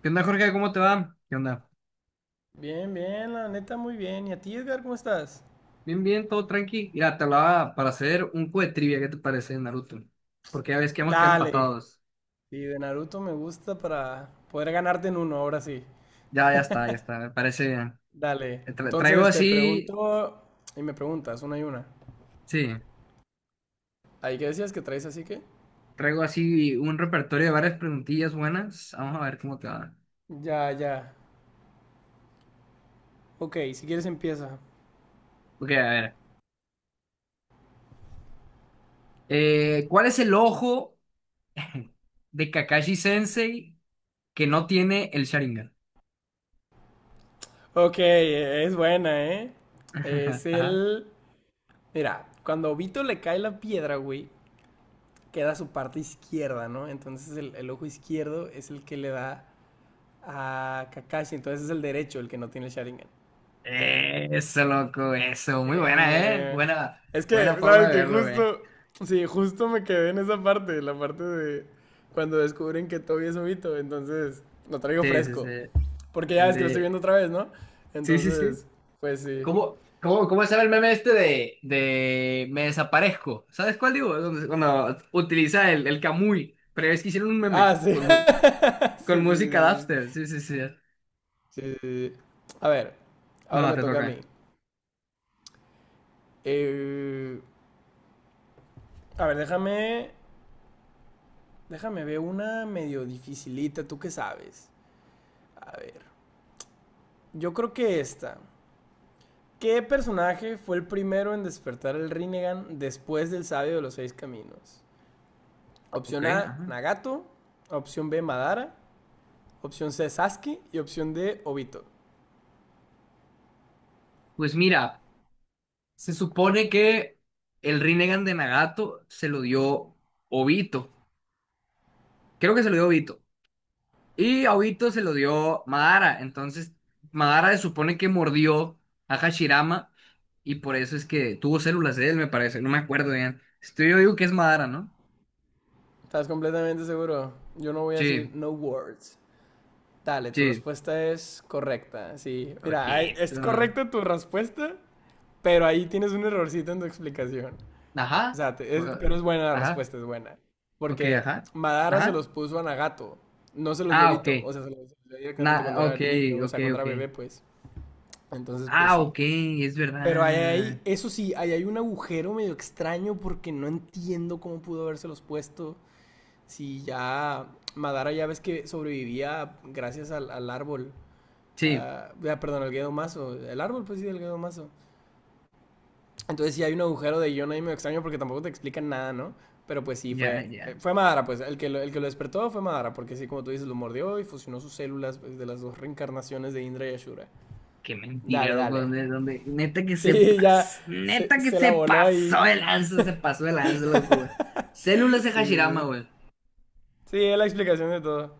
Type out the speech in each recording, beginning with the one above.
¿Qué onda, Jorge? ¿Cómo te va? ¿Qué onda? Bien, bien, la neta muy bien. ¿Y a ti, Edgar, cómo estás? Bien, bien, todo tranqui. Mira, te hablaba para hacer un juego de trivia. ¿Qué te parece, Naruto? Porque ya ves que hemos quedado Dale. empatados. Sí, de Naruto me gusta para poder ganarte en uno, ahora sí. Ya, ya está, ya está. Me parece bien. Dale. Traigo Entonces te así, pregunto y me preguntas una y una. sí, ¿Ahí qué decías que traes así que? traigo así un repertorio de varias preguntillas buenas. Vamos a ver cómo te va. Ya, ya. Ok, si quieres empieza. Ok, a ver. ¿Cuál es el ojo de Kakashi Sensei que no tiene el Sharingan? Ok, es buena, ¿eh? Es Ajá. el... Mira, cuando a Obito le cae la piedra, güey, queda su parte izquierda, ¿no? Entonces el ojo izquierdo es el que le da. Ah, Kakashi, entonces es el derecho el que no tiene el Sharingan. Eso, loco, eso. Muy Eh, buena, ¿eh? hombre. Buena, Es que, buena forma ¿sabes de que verlo. Justo, sí, justo me quedé en esa parte, la parte de cuando descubren que Toby es Obito? Entonces lo traigo Sí, sí, sí. fresco. Porque ya El ves que lo estoy viendo de. otra vez, ¿no? Sí, sí, sí. Entonces, pues sí. ¿¿Cómo cómo se llama el meme este de me desaparezco? ¿Sabes cuál digo? Cuando utiliza el Kamui. Pero es que hicieron un Ah, meme sí. Sí, con sí, música sí, dubstep. sí, Sí, sí, sí. sí. Sí, sí. A ver, ahora Bueno, me te toca a toca. mí. Eh, a ver, déjame ver una medio dificilita, ¿tú qué sabes? A ver. Yo creo que esta. ¿Qué personaje fue el primero en despertar el Rinnegan después del sabio de los seis caminos? Ok, Opción A, ajá. Nagato. Opción B, Madara. Opción C, Sasuke. Y opción D, Obito. Pues mira, se supone que el Rinnegan de Nagato se lo dio Obito. Creo que se lo dio Obito. Y a Obito se lo dio Madara. Entonces, Madara se supone que mordió a Hashirama y por eso es que tuvo células de él, me parece. No me acuerdo bien. Estoy, yo digo que es Madara, ¿no? ¿Estás completamente seguro? Yo no voy a decir Sí, no words. Dale, tu sí. respuesta es correcta. Sí, mira, es Ojito. correcta tu respuesta, pero ahí tienes un errorcito en tu explicación. O Ajá. sea, Uh, pero es buena la Ajá. respuesta, es buena. Ok, Porque ajá. Madara se los Ajá. puso a Nagato, no se los dio Ah, ok. Vito, o sea, se los dio Na, directamente cuando era ok, niño, o ok, sea, cuando ok. era bebé, pues. Entonces, pues Ah, sí. ok, es Pero ahí verdad. hay, eso sí, ahí hay un agujero medio extraño porque no entiendo cómo pudo habérselos puesto si ya Madara ya ves que sobrevivía gracias al árbol. Sí, Perdón, al Gedomazo. El árbol, pues sí, el Gedomazo. Entonces sí hay un agujero de guión ahí medio extraño porque tampoco te explican nada, ¿no? Pero pues sí, ya, fue, ya. eh, fue Madara, pues el que lo despertó fue Madara, porque sí, como tú dices, lo mordió y fusionó sus células pues, de las dos reencarnaciones de Indra y Ashura. Qué Dale, mentira, loco. dale. ¿Dónde? Neta que se Sí, ya pasó, se, neta que se la se voló ahí. pasó el lanza, se pasó el lanza, loco, güey. Sí, Células de Hashirama, sí. güey. Sí, es la explicación de todo.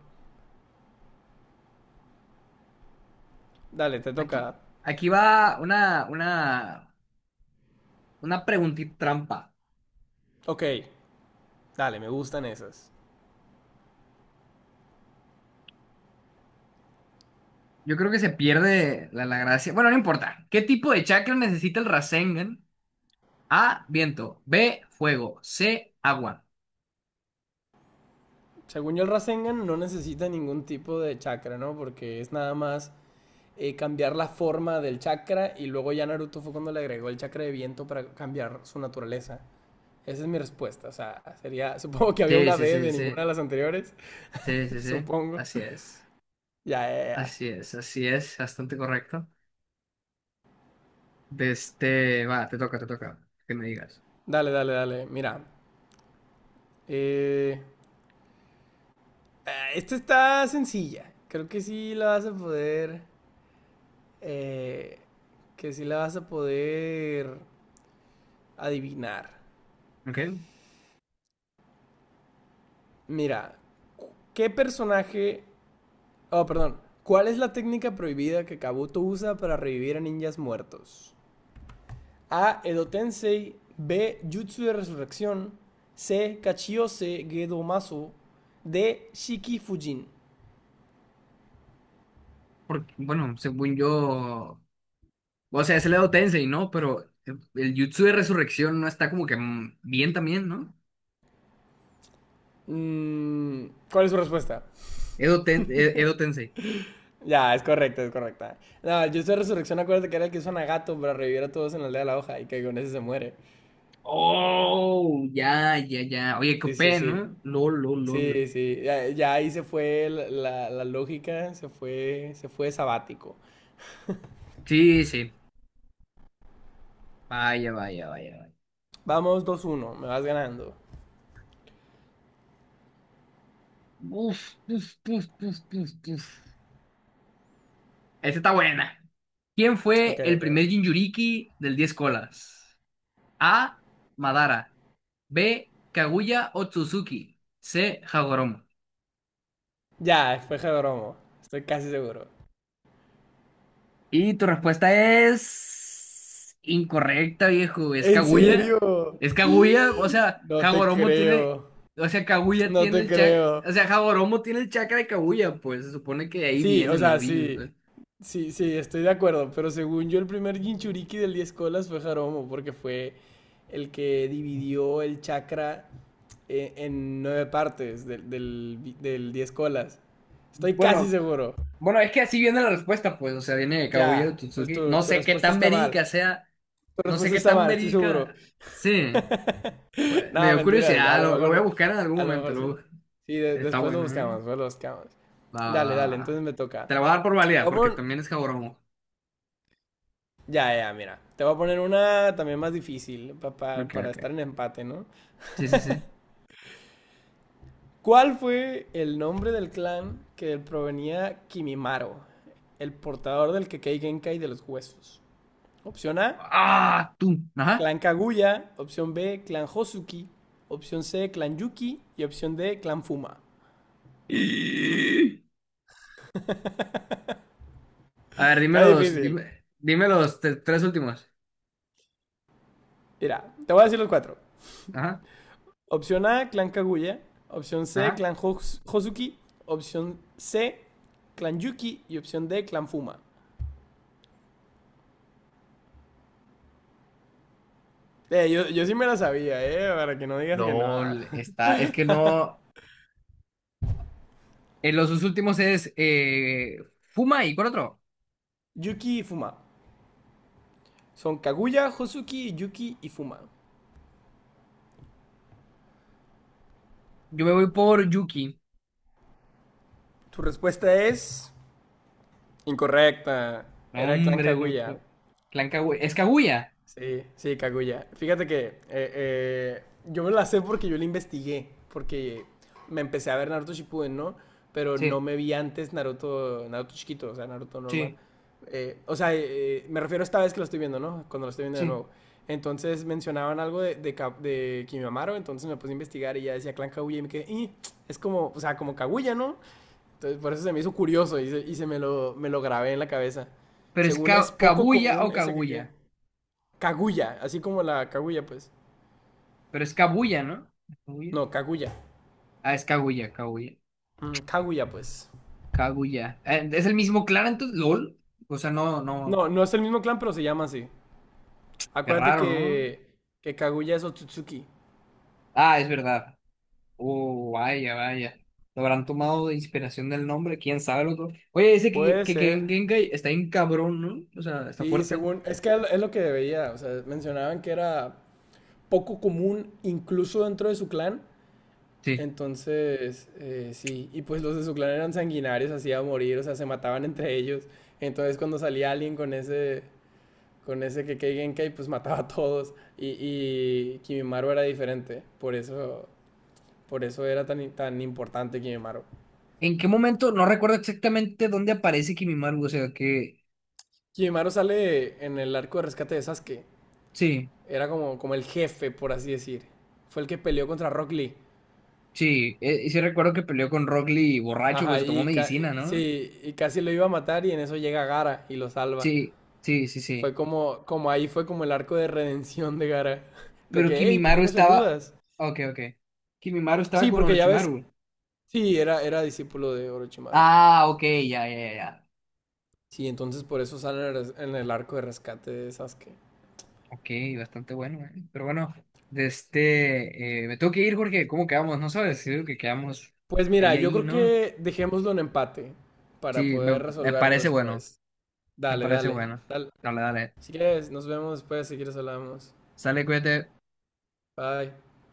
Dale, te Aquí, toca. aquí va una preguntita trampa. Ok, dale, me gustan esas. Yo creo que se pierde la gracia. Bueno, no importa. ¿Qué tipo de chakra necesita el Rasengan? A, viento. B, fuego. C, agua. Según yo, el Rasengan no necesita ningún tipo de chakra, ¿no? Porque es nada más cambiar la forma del chakra y luego ya Naruto fue cuando le agregó el chakra de viento para cambiar su naturaleza. Esa es mi respuesta, o sea, sería, supongo que había Sí, una sí, D sí, de ninguna de sí. las anteriores, Sí, sí, sí. supongo. Así es. Ya, ya, ya. Así es, así es. Bastante correcto. De este, va, te toca, te toca. Que me digas. Dale, dale, dale. Mira, eh, esta está sencilla. Creo eh, que sí la vas a poder adivinar. Ok, Mira, ¿qué personaje oh, perdón. ¿Cuál es la técnica prohibida que Kabuto usa para revivir a ninjas muertos? A. Edo Tensei. B. Jutsu de resurrección. C. Kachiyose Gedomasu. D. Shiki Fujin. porque, bueno, según yo, o sea, es el Edo Tensei, ¿no? Pero el Jutsu de Resurrección no está como que bien también, ¿no? ¿Cuál es su respuesta? Edo Tensei. Ya, es correcta, es correcta. No, Jutsu de resurrección, acuérdate que era el que usa Nagato para revivir a todos en la aldea de la hoja y que con ese se muere. Oh, ya, ya, ya. Oye, qué Sí, sí, copé, sí. ¿no? Lol, lol, lol. Sí, sí. Ya, ya ahí se fue la lógica, se fue sabático. Sí, sí. Vaya, vaya, vaya, vaya. Vamos 2-1, me vas ganando. Uf, uf, uf, uf, uf, uf. Esta está buena. ¿Quién Ok, fue el ok. primer Jinchuriki del 10 colas? A, Madara. B, Kaguya Otsutsuki. C, Hagoromo. Ya, fue Jodromo. Estoy casi seguro. Y tu respuesta es incorrecta, viejo. Es ¿En Kaguya. serio? Es Kaguya, o sea, No te Hagoromo tiene, creo. o sea, Kaguya No tiene te el chakra, creo. o sea, Hagoromo tiene el chakra de Kaguya, pues se supone que de ahí Sí, o vienen los sea, brillos, sí. pues. Sí, sí, estoy de acuerdo. Pero según yo, el primer Jinchuriki del 10 colas fue Jaromo, porque fue el que dividió el chakra en nueve partes del 10 colas. Estoy casi Bueno, seguro. bueno, es que así viene la respuesta, pues, o sea, viene de Kaguya de Ya, pues Tsutsuki. tu, No tu sé qué respuesta tan está mal. verídica sea, Tu no sé respuesta qué está tan mal, estoy seguro. verídica. Sí, pues, me No, dio mentiras. Curiosidad, lo voy a buscar en algún A lo momento, mejor sí. lo- Sí, Está después lo bueno, ¿eh? buscamos, después lo buscamos. Va, va, Dale, dale, va. entonces me toca. Te la voy a dar por Te válida, porque voy a pon- también es Hagoromo. Ya, ya, mira. Te voy a poner una también más difícil Ok, para ok. estar en empate, ¿no? Sí, sí, sí. ¿Cuál fue el nombre del clan que provenía Kimimaro, el portador del Kekei Genkai de los huesos? Opción A, ¡Ah! ¡Tú! Ajá. Clan Kaguya. Opción B, Clan Hosuki. Opción C, Clan Yuki. Y opción D, Clan Fuma. Y- A ver, dime Está los, difícil. dime, dime los te- tres últimos. Mira, te voy a decir los cuatro. Ajá, Opción A, Clan Kaguya. Opción C, ajá. Clan Hosuki. Opción C, Clan Yuki. Y opción D, Clan Fuma. Yo sí me la sabía, para que no digas que no. LOL, está. Es que no. Los dos últimos es Fuma y ¿cuál otro? Yuki y Fuma. Son Kaguya, Hosuki, Yuki y Fuma. Yo me voy por Yuki. Tu respuesta es incorrecta. No, Era el Clan hombre, Kaguya. loco. Clan Kaguya. ¿Es Kaguya? Sí, sí, Kaguya. Fíjate que yo me la sé porque yo la investigué, porque me empecé a ver Naruto Shippuden, ¿no? Pero no Sí, me vi antes Naruto, Naruto chiquito, o sea, Naruto normal. sí, O sea, me refiero a esta vez que lo estoy viendo, ¿no? Cuando lo estoy viendo de sí. nuevo. Entonces mencionaban algo de Kimimaro. Entonces me puse a investigar y ya decía Clan Kaguya y me quedé, "Ih, es como, o sea, como Kaguya, ¿no?" Entonces por eso se me hizo curioso y me lo grabé en la cabeza. Pero es Según es poco Kabuya común o ese que, qué. Kaguya. Kaguya, así como la Kaguya, pues. Pero es Kabuya, ¿no? ¿Kaguya? No, Kaguya. Ah, es Kaguya, Kaguya. Mm, Kaguya, pues. Kaguya. ¿Es el mismo Clara entonces? ¿LOL? O sea, no, no. No, no es el mismo clan, pero se llama así. Qué Acuérdate raro, que, ¿no? que Kaguya es Otsutsuki. Ah, es verdad. Oh, vaya, vaya. Lo habrán tomado de inspiración del nombre, quién sabe lo que. Oye, ese Puede que ser. en Genkai está bien cabrón, ¿no? O sea, está Sí, fuerte. según. Es que es lo que veía. O sea, mencionaban que era poco común, incluso dentro de su clan. Sí. Entonces, sí. Y pues los de su clan eran sanguinarios, así a morir. O sea, se mataban entre ellos. Entonces, cuando salía alguien con ese. Con ese que Keigenkai pues mataba a todos, y Kimimaru era diferente, por eso era tan, tan importante Kimimaru. ¿En qué momento? No recuerdo exactamente dónde aparece Kimimaru, o sea, que. Kimimaru sale en el arco de rescate de Sasuke, Sí, era como el jefe, por así decir. Fue el que peleó contra Rock Lee. sí. Y sí recuerdo que peleó con Rock Lee borracho, pues Ajá, se tomó y, ca medicina, ¿no? sí, y casi lo iba a matar y en eso llega Gara y lo salva. Sí, sí, sí, Fue sí. como ahí fue como el arco de redención de Gara. De Pero que, hey, ¿por Kimimaru qué nos estaba. ayudas? Ok, ok. Kimimaru estaba Sí, con porque ya ves, Orochimaru. sí, era discípulo de Orochimaru. Ah, ok, ya, ya, ya. Ya. Sí, entonces por eso sale en el arco de rescate de Sasuke. Ok, bastante bueno, eh. Pero bueno, de este. Me tengo que ir, Jorge. ¿Cómo quedamos? No sabes. Sí, creo que quedamos Pues mira, ahí, yo ahí, creo ¿no? que dejémoslo en empate para Sí, me, poder me resolverlo parece bueno. después. Me Dale, parece dale, bueno. dale. Dale, dale. Si quieres, nos vemos después si quieres hablamos. Sale, cuídate. Bye.